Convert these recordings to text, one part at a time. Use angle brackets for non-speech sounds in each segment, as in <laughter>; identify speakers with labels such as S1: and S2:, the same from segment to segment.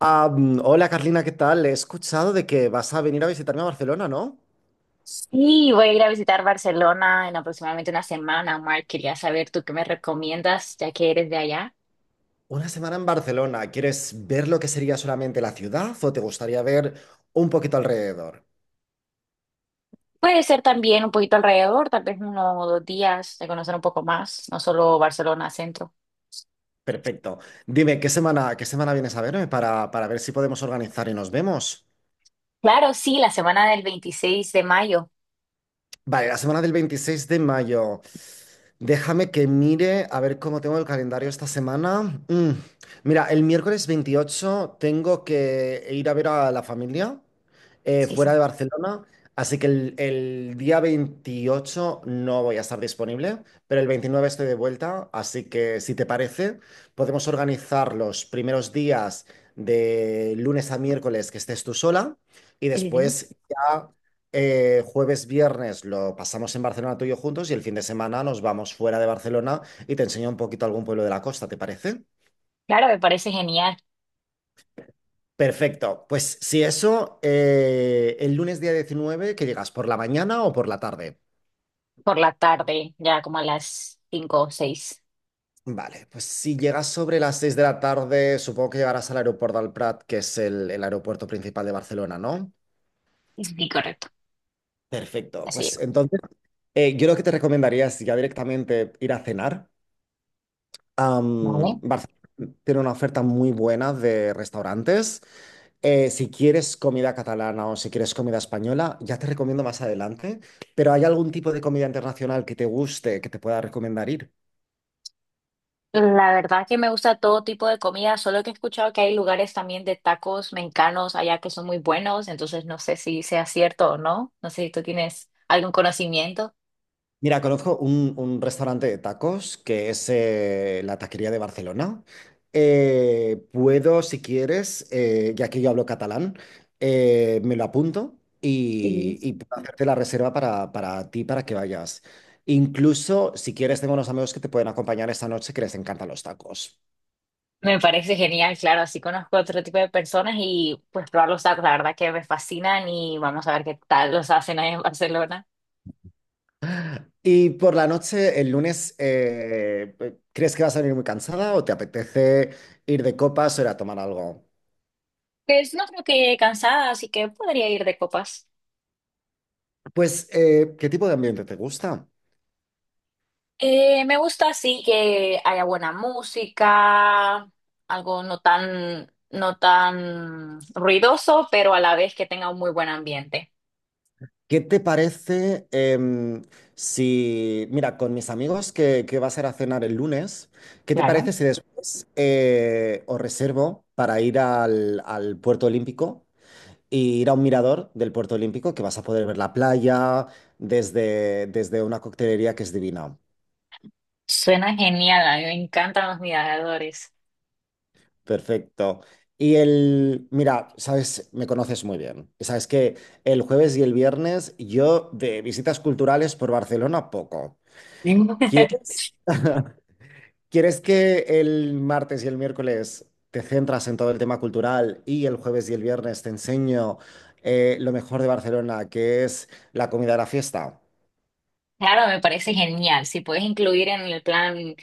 S1: Hola Carlina, ¿qué tal? He escuchado de que vas a venir a visitarme a Barcelona, ¿no?
S2: Sí, voy a ir a visitar Barcelona en aproximadamente una semana, Mark. Quería saber tú qué me recomiendas, ya que eres de allá.
S1: Una semana en Barcelona. ¿Quieres ver lo que sería solamente la ciudad o te gustaría ver un poquito alrededor?
S2: Puede ser también un poquito alrededor, tal vez 1 o 2 días de conocer un poco más, no solo Barcelona centro.
S1: Perfecto. Dime, ¿qué semana vienes a verme para ver si podemos organizar y nos vemos?
S2: Claro, sí, la semana del 26 de mayo.
S1: Vale, la semana del 26 de mayo. Déjame que mire a ver cómo tengo el calendario esta semana. Mira, el miércoles 28 tengo que ir a ver a la familia
S2: Sí,
S1: fuera
S2: sí,
S1: de Barcelona, así que el día 28 no voy a estar disponible, pero el 29 estoy de vuelta, así que si te parece, podemos organizar los primeros días de lunes a miércoles que estés tú sola y
S2: sí, sí.
S1: después ya jueves, viernes lo pasamos en Barcelona tú y yo juntos, y el fin de semana nos vamos fuera de Barcelona y te enseño un poquito algún pueblo de la costa, ¿te parece?
S2: Claro, me parece genial.
S1: Perfecto. Pues si eso, el lunes día 19 ¿que llegas? ¿Por la mañana o por la tarde?
S2: Por la tarde, ya como a las 5 o 6.
S1: Vale, pues si llegas sobre las 6 de la tarde, supongo que llegarás al aeropuerto del Prat, que es el aeropuerto principal de Barcelona, ¿no?
S2: Sí, correcto.
S1: Perfecto.
S2: Así
S1: Pues entonces, yo lo que te recomendaría es ya directamente ir a cenar.
S2: llego.
S1: Barcelona tiene una oferta muy buena de restaurantes. Si quieres comida catalana o si quieres comida española, ya te recomiendo más adelante. Pero ¿hay algún tipo de comida internacional que te guste, que te pueda recomendar ir?
S2: La verdad que me gusta todo tipo de comida, solo que he escuchado que hay lugares también de tacos mexicanos allá que son muy buenos, entonces no sé si sea cierto o no, no sé si tú tienes algún conocimiento.
S1: Mira, conozco un restaurante de tacos que es la Taquería de Barcelona. Puedo, si quieres, ya que yo hablo catalán, me lo apunto
S2: Sí.
S1: y puedo hacerte la reserva para ti, para que vayas. Incluso, si quieres, tengo unos amigos que te pueden acompañar esta noche que les encantan los tacos.
S2: Me parece genial, claro, así conozco otro tipo de personas y pues probar los tacos, la verdad que me fascinan y vamos a ver qué tal los hacen ahí en Barcelona.
S1: Y por la noche, el lunes, ¿crees que vas a venir muy cansada o te apetece ir de copas o ir a tomar algo?
S2: Pues no creo que llegue cansada, así que podría ir de copas.
S1: Pues, ¿qué tipo de ambiente te gusta?
S2: Me gusta así que haya buena música, algo no tan ruidoso, pero a la vez que tenga un muy buen ambiente.
S1: ¿Qué te parece si, mira, con mis amigos que vas a ir a cenar el lunes, ¿qué te
S2: Claro.
S1: parece si después os reservo para ir al Puerto Olímpico y ir a un mirador del Puerto Olímpico que vas a poder ver la playa desde una coctelería que es divina?
S2: Suena genial, a mí me encantan los miradores.
S1: Perfecto. Y el, mira, sabes, me conoces muy bien. Y sabes que el jueves y el viernes yo de visitas culturales por Barcelona poco.
S2: Mm. <laughs>
S1: ¿Quieres? ¿Quieres que el martes y el miércoles te centras en todo el tema cultural y el jueves y el viernes te enseño lo mejor de Barcelona, que es la comida de la fiesta?
S2: Claro, me parece genial. Si puedes incluir en el plan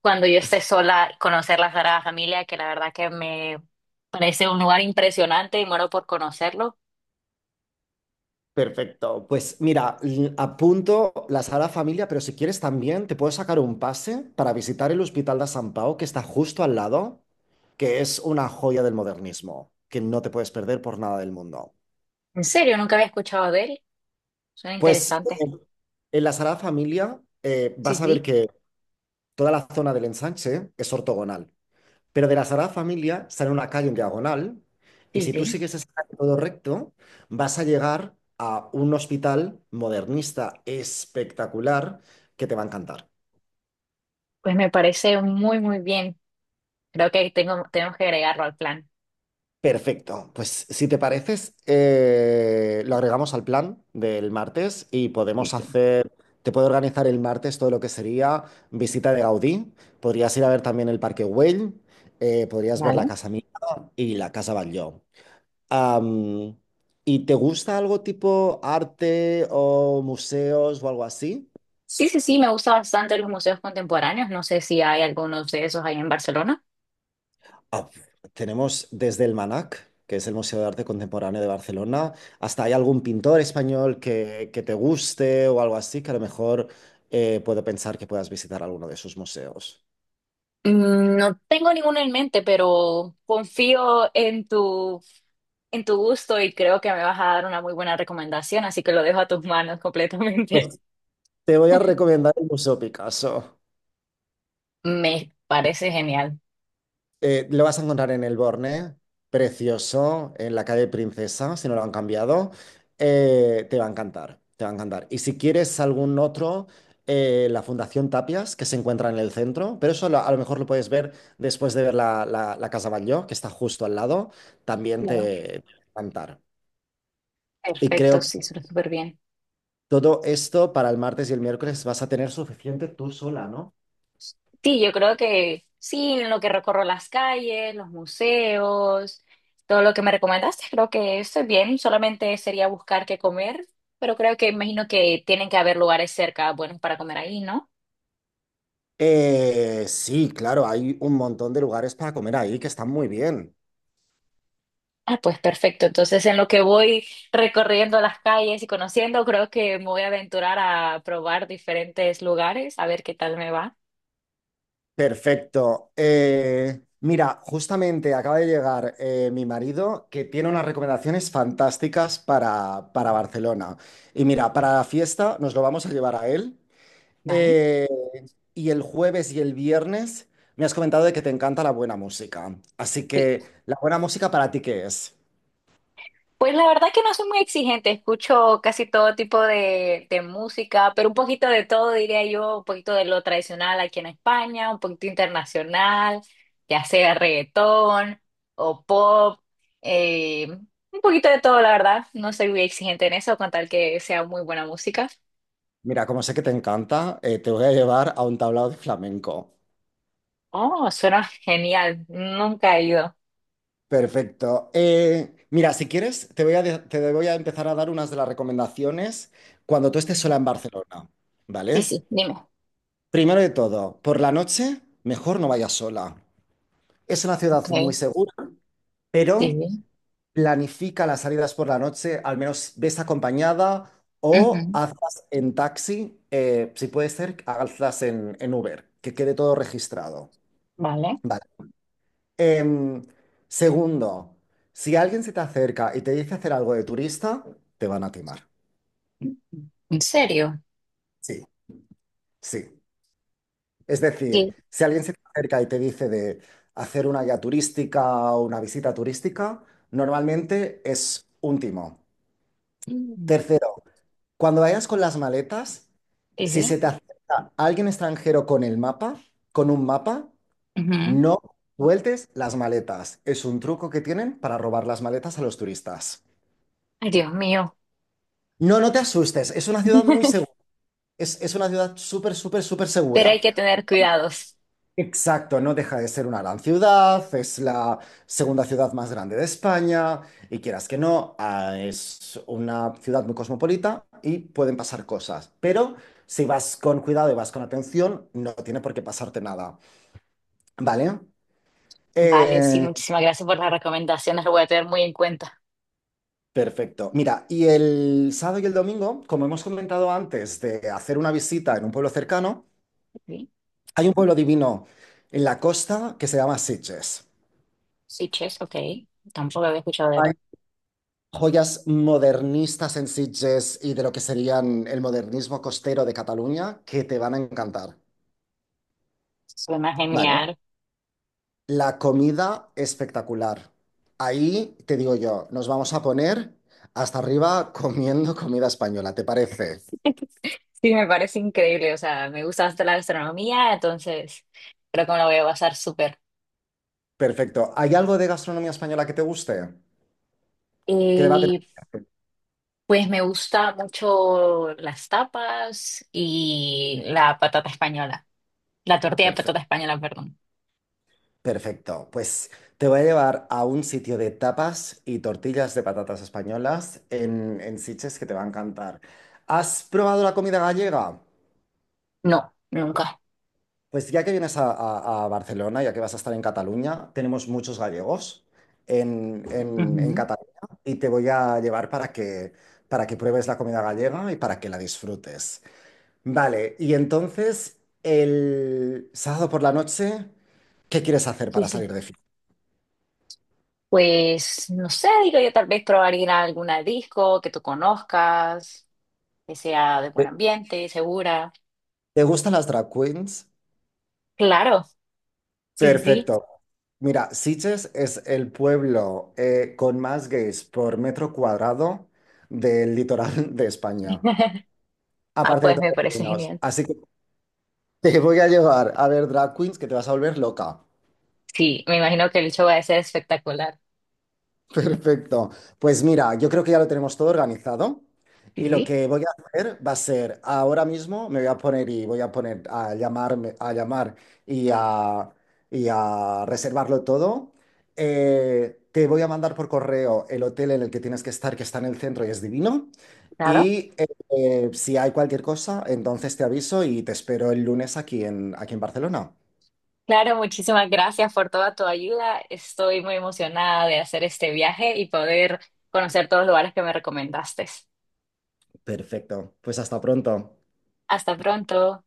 S2: cuando yo esté sola, conocer la Sagrada Familia, que la verdad que me parece un lugar impresionante y muero por conocerlo.
S1: Perfecto. Pues mira, apunto la Sagrada Familia, pero si quieres también te puedo sacar un pase para visitar el Hospital de San Pau, que está justo al lado, que es una joya del modernismo, que no te puedes perder por nada del mundo.
S2: En serio, nunca había escuchado de él. Suena
S1: Pues
S2: interesante.
S1: en la Sagrada Familia
S2: Sí,
S1: vas a ver
S2: sí,
S1: que toda la zona del ensanche es ortogonal. Pero de la Sagrada Familia sale una calle en diagonal y
S2: sí,
S1: si
S2: sí.
S1: tú sigues esa calle todo recto, vas a llegar a un hospital modernista espectacular que te va a encantar.
S2: Pues me parece muy, muy bien. Creo que tenemos que agregarlo al plan.
S1: Perfecto. Pues si te pareces, lo agregamos al plan del martes y
S2: Sí,
S1: podemos
S2: sí.
S1: hacer, te puedo organizar el martes todo lo que sería visita de Gaudí. Podrías ir a ver también el Parque Güell, podrías ver la
S2: Vale.
S1: Casa Mía y la Casa Batlló. Am, ¿Y te gusta algo tipo arte o museos o algo así?
S2: Sí, sí, sí, me gusta bastante los museos contemporáneos. No sé si hay algunos de esos ahí en Barcelona.
S1: Ah, tenemos desde el MANAC, que es el Museo de Arte Contemporáneo de Barcelona, hasta hay algún pintor español que te guste o algo así, que a lo mejor puedo pensar que puedas visitar alguno de sus museos.
S2: No tengo ninguno en mente, pero confío en tu gusto y creo que me vas a dar una muy buena recomendación, así que lo dejo a tus manos completamente.
S1: Pues te voy a recomendar el Museo Picasso.
S2: <laughs> Me parece genial.
S1: Lo vas a encontrar en el Borne, precioso, en la calle Princesa, si no lo han cambiado. Te va a encantar, te va a encantar. Y si quieres algún otro, la Fundación Tapias, que se encuentra en el centro, pero eso a lo mejor lo puedes ver después de ver la Casa Batlló, que está justo al lado, también te,
S2: Claro.
S1: te va a encantar. Y
S2: Perfecto,
S1: creo
S2: sí,
S1: que
S2: suena súper bien.
S1: todo esto para el martes y el miércoles vas a tener suficiente tú sola, ¿no?
S2: Sí, yo creo que sí, en lo que recorro las calles, los museos, todo lo que me recomendaste, creo que estoy bien. Solamente sería buscar qué comer, pero creo que imagino que tienen que haber lugares cerca buenos para comer ahí, ¿no?
S1: Sí, claro, hay un montón de lugares para comer ahí que están muy bien.
S2: Ah, pues perfecto. Entonces, en lo que voy recorriendo las calles y conociendo, creo que me voy a aventurar a probar diferentes lugares, a ver qué tal me va.
S1: Perfecto. Mira, justamente acaba de llegar mi marido que tiene unas recomendaciones fantásticas para Barcelona. Y mira, para la fiesta nos lo vamos a llevar a él.
S2: Vale.
S1: Eh, y el jueves y el viernes me has comentado de que te encanta la buena música. Así
S2: Sí.
S1: que, ¿la buena música para ti qué es?
S2: Pues la verdad que no soy muy exigente, escucho casi todo tipo de música, pero un poquito de todo, diría yo, un poquito de lo tradicional aquí en España, un poquito internacional, ya sea reggaetón o pop, eh, un poquito de todo, la verdad, no soy muy exigente en eso, con tal que sea muy buena música.
S1: Mira, como sé que te encanta, te voy a llevar a un tablao de flamenco.
S2: Oh, suena genial, nunca he ido.
S1: Perfecto. Mira, si quieres, te voy a, te voy a empezar a dar unas de las recomendaciones cuando tú estés
S2: Ujú.
S1: sola en Barcelona,
S2: Sí,
S1: ¿vale?
S2: sí, dime.
S1: Primero de todo, por la noche, mejor no vayas sola. Es una
S2: Ok,
S1: ciudad muy segura,
S2: sí,
S1: pero
S2: sí.
S1: planifica las salidas por la noche, al menos ves acompañada o
S2: Ujú.
S1: hazlas en taxi, si puede ser, hazlas en Uber, que quede todo registrado.
S2: Vale.
S1: ¿Vale? Em, segundo, si alguien se te acerca y te dice hacer algo de turista, te van a timar.
S2: ¿En serio?
S1: Sí, sí. Es decir,
S2: Sí.
S1: si alguien se te acerca y te dice de hacer una guía turística o una visita turística, normalmente es un timo.
S2: Mm.
S1: Tercero, cuando vayas con las maletas,
S2: Sí,
S1: si
S2: sí.
S1: se te acerca alguien extranjero con el mapa, con un mapa,
S2: Ujú.
S1: no sueltes las maletas. Es un truco que tienen para robar las maletas a los turistas.
S2: Ay, Dios mío.
S1: No, no te asustes, es una ciudad muy
S2: <laughs>
S1: segura, es una ciudad súper, súper, súper
S2: Pero hay
S1: segura.
S2: que tener cuidados.
S1: Exacto, no deja de ser una gran ciudad, es la segunda ciudad más grande de España y quieras que no, es una ciudad muy cosmopolita y pueden pasar cosas, pero si vas con cuidado y vas con atención, no tiene por qué pasarte nada, ¿vale?
S2: Vale, sí,
S1: Eh,
S2: muchísimas gracias por las recomendaciones. Lo voy a tener muy en cuenta.
S1: perfecto. Mira, y el sábado y el domingo, como hemos comentado antes, de hacer una visita en un pueblo cercano,
S2: Sí,
S1: hay un pueblo divino en la costa que se llama Sitges.
S2: sí, chess, ok. Tampoco había escuchado de
S1: Hay
S2: él.
S1: joyas modernistas en Sitges y de lo que serían el modernismo costero de Cataluña que te van a encantar.
S2: Suena
S1: Vale.
S2: genial.
S1: La comida espectacular. Ahí te digo yo, nos vamos a poner hasta arriba comiendo <laughs> comida española, ¿te parece? <laughs>
S2: <laughs> Sí, me parece increíble. O sea, me gusta hasta la gastronomía, entonces creo que me lo voy a basar súper.
S1: Perfecto. ¿Hay algo de gastronomía española que te guste? ¿Qué debate?
S2: Y pues me gusta mucho las tapas y la patata española. La tortilla de
S1: Perfecto.
S2: patata española, perdón.
S1: Perfecto, pues te voy a llevar a un sitio de tapas y tortillas de patatas españolas en Sitges que te va a encantar. ¿Has probado la comida gallega?
S2: No, nunca.
S1: Pues ya que vienes a Barcelona, ya que vas a estar en Cataluña, tenemos muchos gallegos en
S2: Ujú.
S1: Cataluña y te voy a llevar para que pruebes la comida gallega y para que la disfrutes. Vale, y entonces el sábado por la noche, ¿qué quieres hacer
S2: Sí,
S1: para
S2: sí.
S1: salir de fiesta?
S2: Pues no sé, digo yo, tal vez probar ir a alguna disco que tú conozcas, que sea de buen
S1: Eh,
S2: ambiente, segura.
S1: ¿Te gustan las drag queens?
S2: Claro, sí, sí, sí.
S1: Perfecto. Mira, Sitges es el pueblo con más gays por metro cuadrado del litoral de España,
S2: <laughs> Ah,
S1: aparte de
S2: pues
S1: todos
S2: me
S1: los
S2: parece
S1: alumnos.
S2: genial.
S1: Así que te voy a llevar a ver drag queens que te vas a volver loca.
S2: Sí, me imagino que el show va a ser espectacular.
S1: Perfecto. Pues mira, yo creo que ya lo tenemos todo organizado
S2: Sí,
S1: y lo
S2: sí,
S1: que voy a hacer va a ser, ahora mismo me voy a poner y voy a poner a llamarme, a llamar y a, y a reservarlo todo. Te voy a mandar por correo el hotel en el que tienes que estar, que está en el centro y es divino.
S2: claro.
S1: Y eh, si hay cualquier cosa, entonces te aviso y te espero el lunes aquí en, aquí en Barcelona.
S2: Claro, muchísimas gracias por toda tu ayuda. Estoy muy emocionada de hacer este viaje y poder conocer todos los lugares que me recomendaste.
S1: Perfecto. Pues hasta pronto.
S2: Hasta pronto.